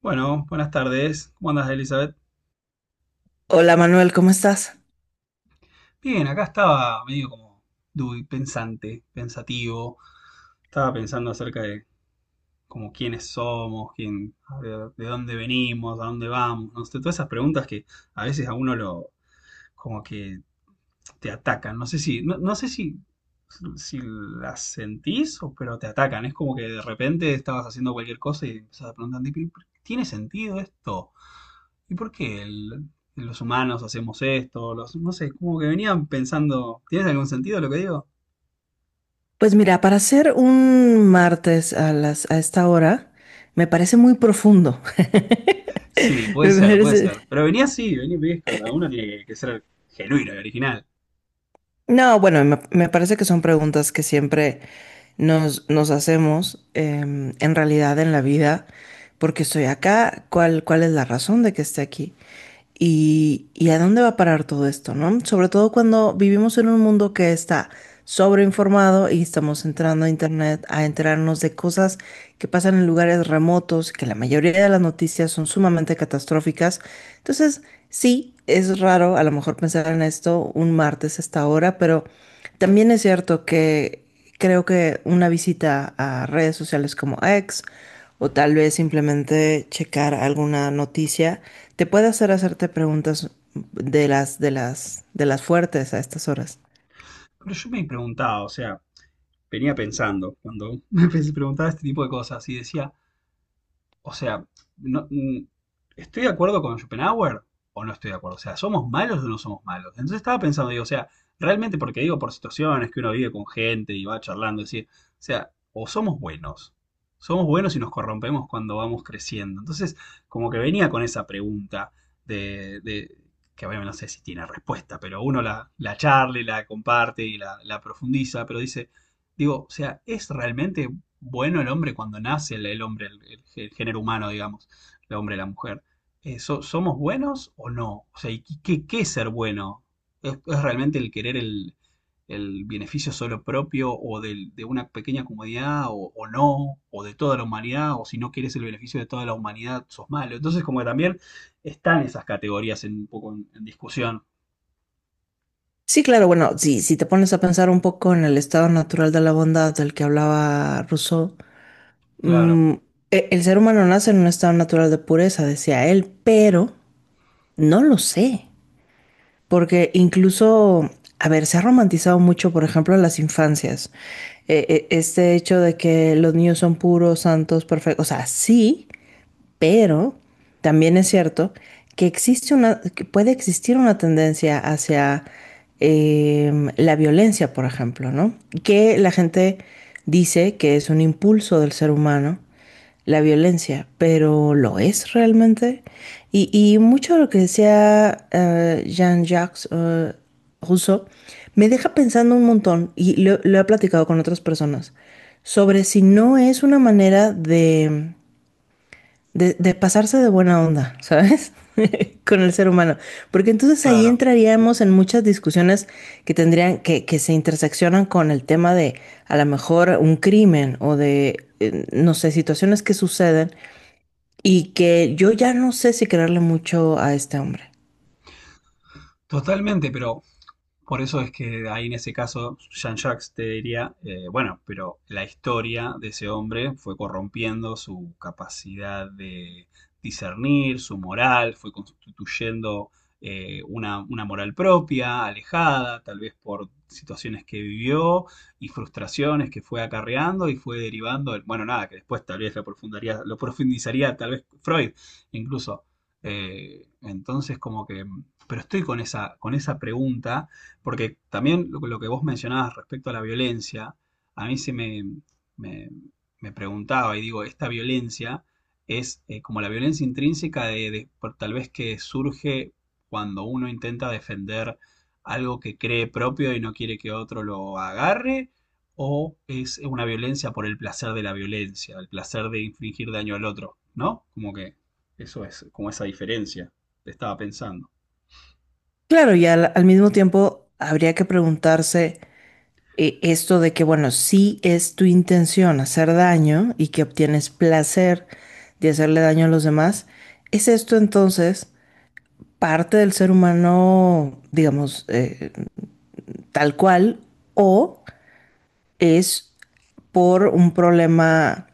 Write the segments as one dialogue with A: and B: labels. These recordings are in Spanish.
A: Bueno, buenas tardes. ¿Cómo andas, Elizabeth?
B: Hola Manuel, ¿cómo estás?
A: Bien, acá estaba medio como duy, pensante, pensativo. Estaba pensando acerca de como quiénes somos, quién, de dónde venimos, a dónde vamos, no sé, todas esas preguntas que a veces a uno lo como que te atacan. No sé si, no, no sé si, si las sentís o pero te atacan. Es como que de repente estabas haciendo cualquier cosa y empezás a preguntarte, pero ¿tiene sentido esto? ¿y por qué el- ¿Los humanos hacemos esto? Los, no sé, como que venían pensando, ¿tienes algún sentido lo que digo?
B: Pues mira, para hacer un martes a a esta hora, me parece muy profundo.
A: Sí, puede
B: Me
A: ser, puede
B: parece-
A: ser. Pero venía así, venía, ves, cada uno tiene que ser genuino y original.
B: No, bueno, me parece que son preguntas que siempre nos hacemos en realidad en la vida. ¿Porque estoy acá? ¿ cuál es la razón de que esté aquí? ¿ y a dónde va a parar todo esto, ¿no? Sobre todo cuando vivimos en un mundo que está sobreinformado y estamos entrando a internet a enterarnos de cosas que pasan en lugares remotos, que la mayoría de las noticias son sumamente catastróficas. Entonces, sí, es raro a lo mejor pensar en esto un martes a esta hora, pero también es cierto que creo que una visita a redes sociales como X o tal vez simplemente checar alguna noticia te puede hacer hacerte preguntas de de las fuertes a estas horas.
A: Pero yo me preguntaba, o sea, venía pensando, cuando me preguntaba este tipo de cosas y decía, o sea, no- mm, ¿estoy de acuerdo con Schopenhauer o no estoy de acuerdo? O sea, ¿somos malos o no somos malos? Entonces estaba pensando, digo, o sea, realmente porque digo por situaciones que uno vive con gente y va charlando, decir, o sea, o somos buenos y nos corrompemos cuando vamos creciendo. Entonces, como que venía con esa pregunta de, de- que obviamente no sé si tiene respuesta, pero uno la, la charla y la comparte y la profundiza, pero dice, digo, o sea, ¿es realmente bueno el hombre cuando nace el hombre, el, género humano, digamos, el hombre, y la mujer? ¿Somos buenos o no? O sea, ¿y qué, qué es ser bueno? Es realmente el querer el beneficio solo propio o de una pequeña comunidad o no? ¿O de toda la humanidad? ¿O si no quieres el beneficio de toda la humanidad, sos malo? Entonces, como que también están esas categorías en, un poco en discusión.
B: Sí, claro, bueno, sí, si te pones a pensar un poco en el estado natural de la bondad del que hablaba Rousseau,
A: Claro,
B: mm, el ser humano nace en un estado natural de pureza, decía él, pero no lo sé, porque incluso, a ver, se ha romantizado mucho, por ejemplo, las infancias. Este hecho de que los niños son puros, santos, perfectos, o sea, sí, pero también es cierto que existe una, que puede existir una tendencia hacia la violencia, por ejemplo, ¿no? Que la gente dice que es un impulso del ser humano, la violencia, pero ¿lo es realmente? Y mucho de lo que decía Jean-Jacques Rousseau me deja pensando un montón, y lo he platicado con otras personas, sobre si no es una manera de de pasarse de buena onda, ¿sabes? Con el ser humano. Porque entonces ahí
A: claro.
B: entraríamos en muchas discusiones que tendrían, que se interseccionan con el tema de a lo mejor un crimen o de, no sé, situaciones que suceden y que yo ya no sé si creerle mucho a este hombre.
A: Totalmente, pero por eso es que ahí en ese caso Jean-Jacques te diría, bueno, pero la historia de ese hombre fue corrompiendo su capacidad de discernir, su moral, fue constituyendo una moral propia, alejada, tal vez por situaciones que vivió y frustraciones que fue acarreando y fue derivando, bueno, nada, que después tal vez lo lo profundizaría tal vez Freud incluso. Eh, entonces como que, pero estoy con esa pregunta porque también lo que vos mencionabas respecto a la violencia, a mí se me, me- me preguntaba y digo, esta violencia es como la violencia intrínseca de, tal vez que surge cuando uno intenta defender algo que cree propio y no quiere que otro lo agarre, o es una violencia por el placer de la violencia, el placer de infligir daño al otro, ¿no? Como que eso es, como esa diferencia, estaba pensando.
B: Claro, y al mismo tiempo habría que preguntarse esto de que, bueno, sí es tu intención hacer daño y que obtienes placer de hacerle daño a los demás, ¿es esto entonces parte del ser humano, digamos, tal cual, o es por un problema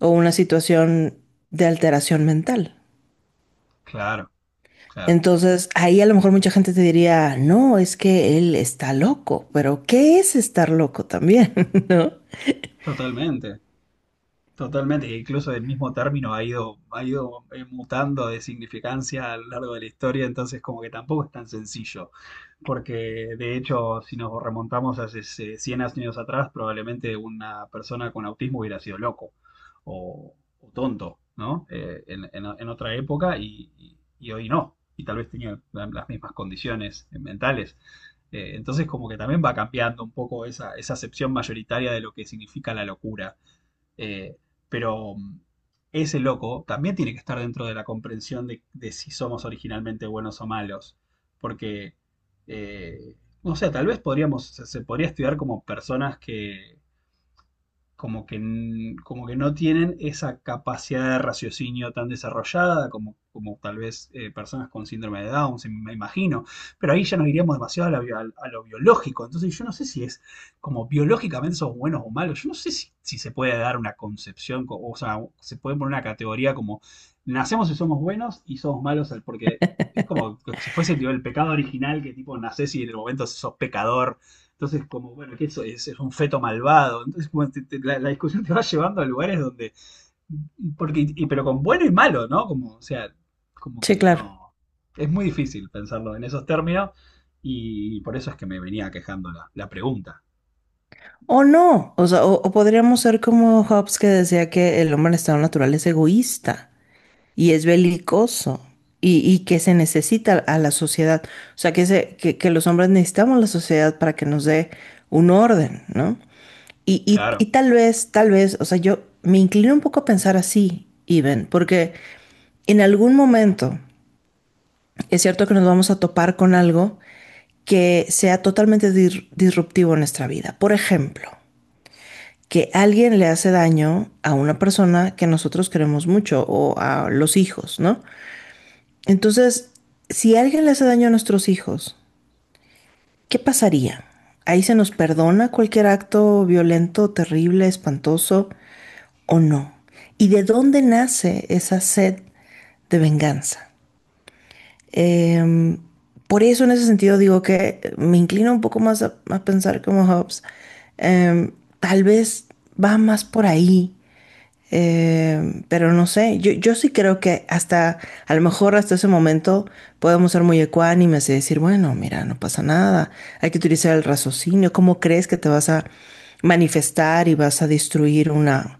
B: o una situación de alteración mental?
A: Claro, claro,
B: Entonces, ahí a lo mejor mucha gente te diría, no, es que él está loco, pero ¿qué es estar loco también? ¿No?
A: totalmente. Totalmente, que incluso el mismo término ha ido mutando de significancia a lo largo de la historia, entonces como que tampoco es tan sencillo, porque de hecho si nos remontamos hace 100 años atrás, probablemente una persona con autismo hubiera sido loco o tonto, ¿no? En otra época y, y hoy no, y tal vez tenía las mismas condiciones mentales. Entonces como que también va cambiando un poco esa, esa acepción mayoritaria de lo que significa la locura, eh, pero mm, ese loco también tiene que estar dentro de la comprensión de si somos originalmente buenos o malos. Porque, eh, no sé, tal vez podríamos, se podría estudiar como personas que, como que, como que no tienen esa capacidad de raciocinio tan desarrollada como, como tal vez personas con síndrome de Down, me imagino. Pero ahí ya nos iríamos demasiado a, a lo biológico. Entonces yo no sé si es como biológicamente sos buenos o malos. Yo no sé si, si se puede dar una concepción, o sea, se puede poner una categoría como nacemos y somos buenos y somos malos porque... Es como que si fuese tipo, el pecado original, que tipo nacés y en el momento sos pecador entonces, como, bueno, que eso es un feto malvado. Entonces, como la, la discusión te va llevando a lugares donde. Porque, pero con bueno y malo, ¿no? Como, o sea, como
B: Sí,
A: que
B: claro.
A: no. Es muy difícil pensarlo en esos términos. Y por eso es que me venía quejando la, la pregunta.
B: O no, o sea, o podríamos ser como Hobbes, que decía que el hombre en estado natural es egoísta y es belicoso y que se necesita a la sociedad, o sea, que los hombres necesitamos la sociedad para que nos dé un orden, ¿no?
A: Claro,
B: Y tal vez, o sea, yo me inclino un poco a pensar así, Iben, porque en algún momento es cierto que nos vamos a topar con algo que sea totalmente disruptivo en nuestra vida. Por ejemplo, que alguien le hace daño a una persona que nosotros queremos mucho o a los hijos, ¿no? Entonces, si alguien le hace daño a nuestros hijos, ¿qué pasaría? ¿Ahí se nos perdona cualquier acto violento, terrible, espantoso o no? ¿Y de dónde nace esa sed de venganza? Eh, por eso en ese sentido digo que me inclino un poco más a pensar como Hobbes. Eh, Tal vez va más por ahí. Pero no sé, yo sí creo que hasta, a lo mejor hasta ese momento podemos ser muy ecuánimes y decir, bueno, mira, no pasa nada, hay que utilizar el raciocinio. ¿Cómo crees que te vas a manifestar y vas a destruir una,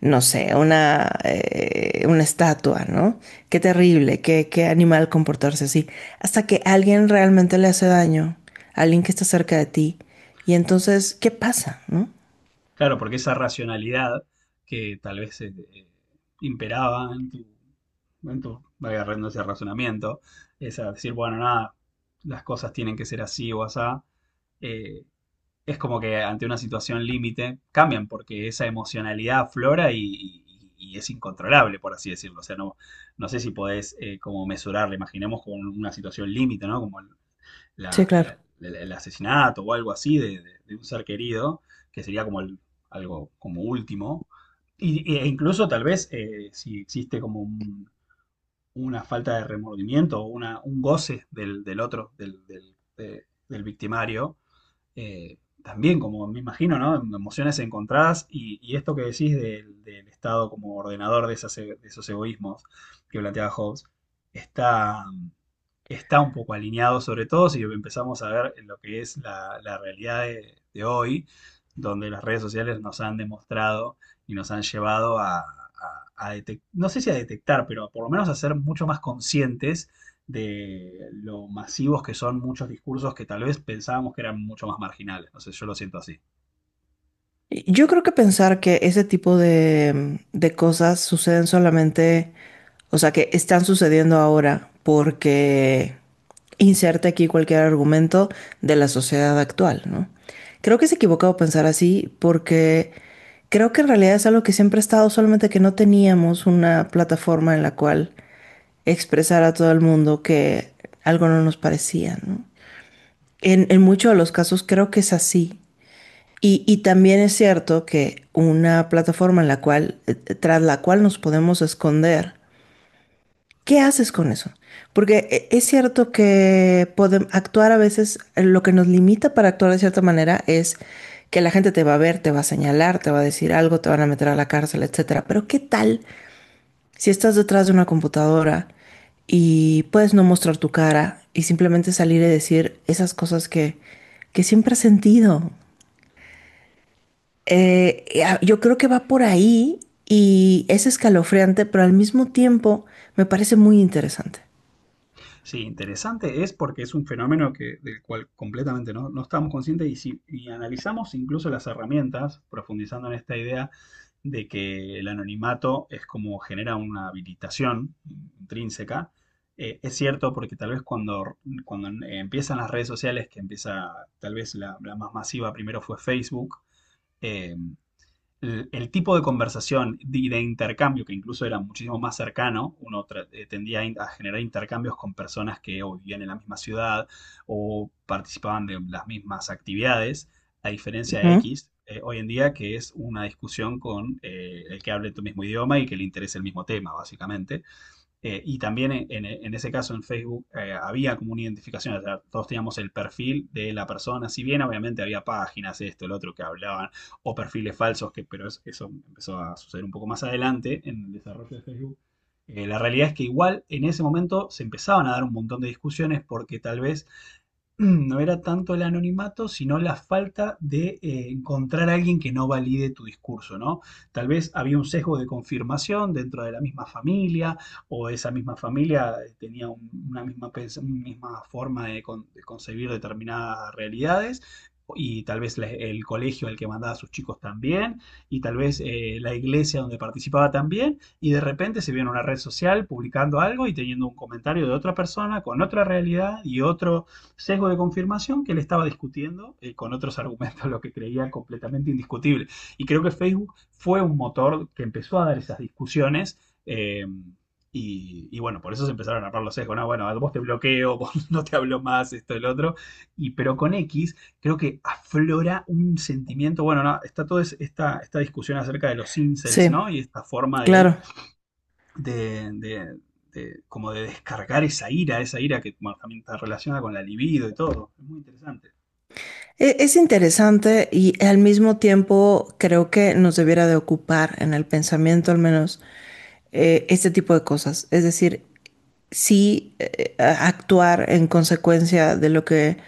B: no sé, una estatua, ¿no? Qué terrible, qué animal comportarse así, hasta que alguien realmente le hace daño, alguien que está cerca de ti, y entonces, ¿qué pasa, no?
A: claro, porque esa racionalidad que tal vez imperaba en tu. En tu, valga la redundancia, razonamiento. Esa, decir, bueno, nada, las cosas tienen que ser así o asá. eh, es como que ante una situación límite cambian porque esa emocionalidad aflora y, y es incontrolable, por así decirlo. O sea, no, no sé si podés como mesurarla, imaginemos con una situación límite, ¿no? Como el,
B: Sí, claro.
A: el asesinato o algo así de, de un ser querido, que sería como algo como último. Y, e incluso tal vez si existe como una falta de remordimiento o una, un goce del, del otro, del, del, del victimario, también, como me imagino, ¿no? Emociones encontradas y esto que decís del, del Estado como ordenador de, esas, de, esos egoísmos que planteaba Hobbes, está, está un poco alineado, sobre todo si empezamos a ver lo que es la, la realidad de hoy, donde las redes sociales nos han demostrado y nos han llevado a no sé si a detectar, pero por lo menos a ser mucho más conscientes de lo masivos que son muchos discursos que tal vez pensábamos que eran mucho más marginales. No sé, yo lo siento así.
B: Yo creo que pensar que ese tipo de, de cosas suceden solamente, o sea, que están sucediendo ahora porque inserte aquí cualquier argumento de la sociedad actual, ¿no? Creo que es equivocado pensar así porque creo que en realidad es algo que siempre ha estado, solamente que no teníamos una plataforma en la cual expresar a todo el mundo que algo no nos parecía, ¿no? En muchos de los casos creo que es así. Y también es cierto que una plataforma en la cual, tras la cual nos podemos esconder, ¿qué haces con eso? Porque es cierto que actuar a veces, lo que nos limita para actuar de cierta manera es que la gente te va a ver, te va a señalar, te va a decir algo, te van a meter a la cárcel, etcétera. Pero ¿qué tal si estás detrás de una computadora y puedes no mostrar tu cara y simplemente salir y decir esas cosas que siempre has sentido? Yo creo que va por ahí y es escalofriante, pero al mismo tiempo me parece muy interesante.
A: Sí, interesante es porque es un fenómeno que, del cual completamente no, no estamos conscientes y si y analizamos incluso las herramientas, profundizando en esta idea de que el anonimato es como genera una habilitación intrínseca, es cierto porque tal vez cuando empiezan las redes sociales, que empieza tal vez la, la más masiva primero fue Facebook, eh, el tipo de conversación y de, intercambio, que incluso era muchísimo más cercano, uno tendía a, a generar intercambios con personas que o vivían en la misma ciudad o participaban de las mismas actividades, a diferencia de
B: Ujú.
A: X, hoy en día, que es una discusión con el que hable tu mismo idioma y que le interese el mismo tema, básicamente. En ese caso en Facebook había como una identificación, o sea, todos teníamos el perfil de la persona, si bien obviamente había páginas, esto, el otro que hablaban, o perfiles falsos, que, eso empezó a suceder un poco más adelante en el desarrollo de Facebook. La realidad es que igual en ese momento se empezaban a dar un montón de discusiones porque tal vez no era tanto el anonimato, sino la falta de encontrar a alguien que no valide tu discurso, ¿no? Tal vez había un sesgo de confirmación dentro de la misma familia, o esa misma familia tenía una misma, una misma forma de, de concebir determinadas realidades. Y tal vez el colegio al que mandaba a sus chicos también, y tal vez la iglesia donde participaba también, y de repente se vio en una red social publicando algo y teniendo un comentario de otra persona con otra realidad y otro, sesgo de confirmación que él estaba discutiendo con otros argumentos, lo que creía completamente indiscutible. Y creo que Facebook fue un motor que empezó a dar esas discusiones. eh, y, y bueno, por eso se empezaron a armar los sesgos. No, bueno, vos te bloqueo, vos no te hablo más, esto, el otro. Y pero con X creo que aflora un sentimiento. Bueno, no, está toda esta, esta discusión acerca de los incels,
B: Sí,
A: ¿no? Y esta forma
B: claro.
A: de, como de descargar esa ira que bueno, también está relacionada con la libido y todo. Es muy interesante.
B: Es interesante y al mismo tiempo creo que nos debiera de ocupar en el pensamiento al menos este tipo de cosas. Es decir, sí, actuar en consecuencia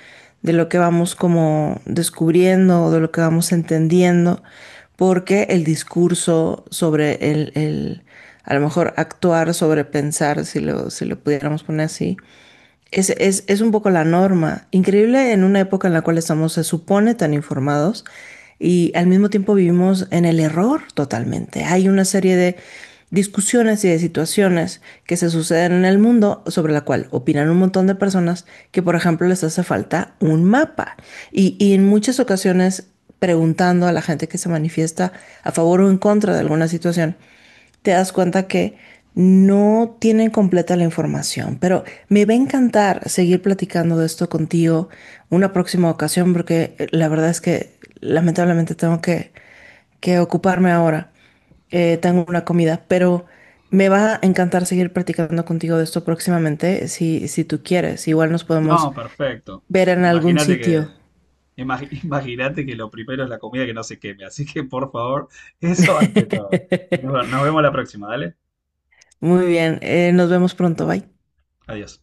B: de lo que vamos como descubriendo o de lo que vamos entendiendo, porque el discurso sobre a lo mejor actuar sobre pensar, si si lo pudiéramos poner así, es un poco la norma. Increíble en una época en la cual estamos, se supone, tan informados y al mismo tiempo vivimos en el error totalmente. Hay una serie de discusiones y de situaciones que se suceden en el mundo sobre la cual opinan un montón de personas que, por ejemplo, les hace falta un mapa. Y en muchas ocasiones preguntando a la gente que se manifiesta a favor o en contra de alguna situación, te das cuenta que no tienen completa la información, pero me va a encantar seguir platicando de esto contigo una próxima ocasión porque la verdad es que lamentablemente tengo que ocuparme ahora. Tengo una comida, pero me va a encantar seguir platicando contigo de esto próximamente si, si tú quieres. Igual nos podemos
A: No, perfecto.
B: ver en algún
A: Imagínate que
B: sitio.
A: imagínate que lo primero es la comida que no se queme, así que por favor, eso ante todo. Y nos vemos la próxima, dale.
B: Muy bien, nos vemos pronto, bye.
A: Adiós.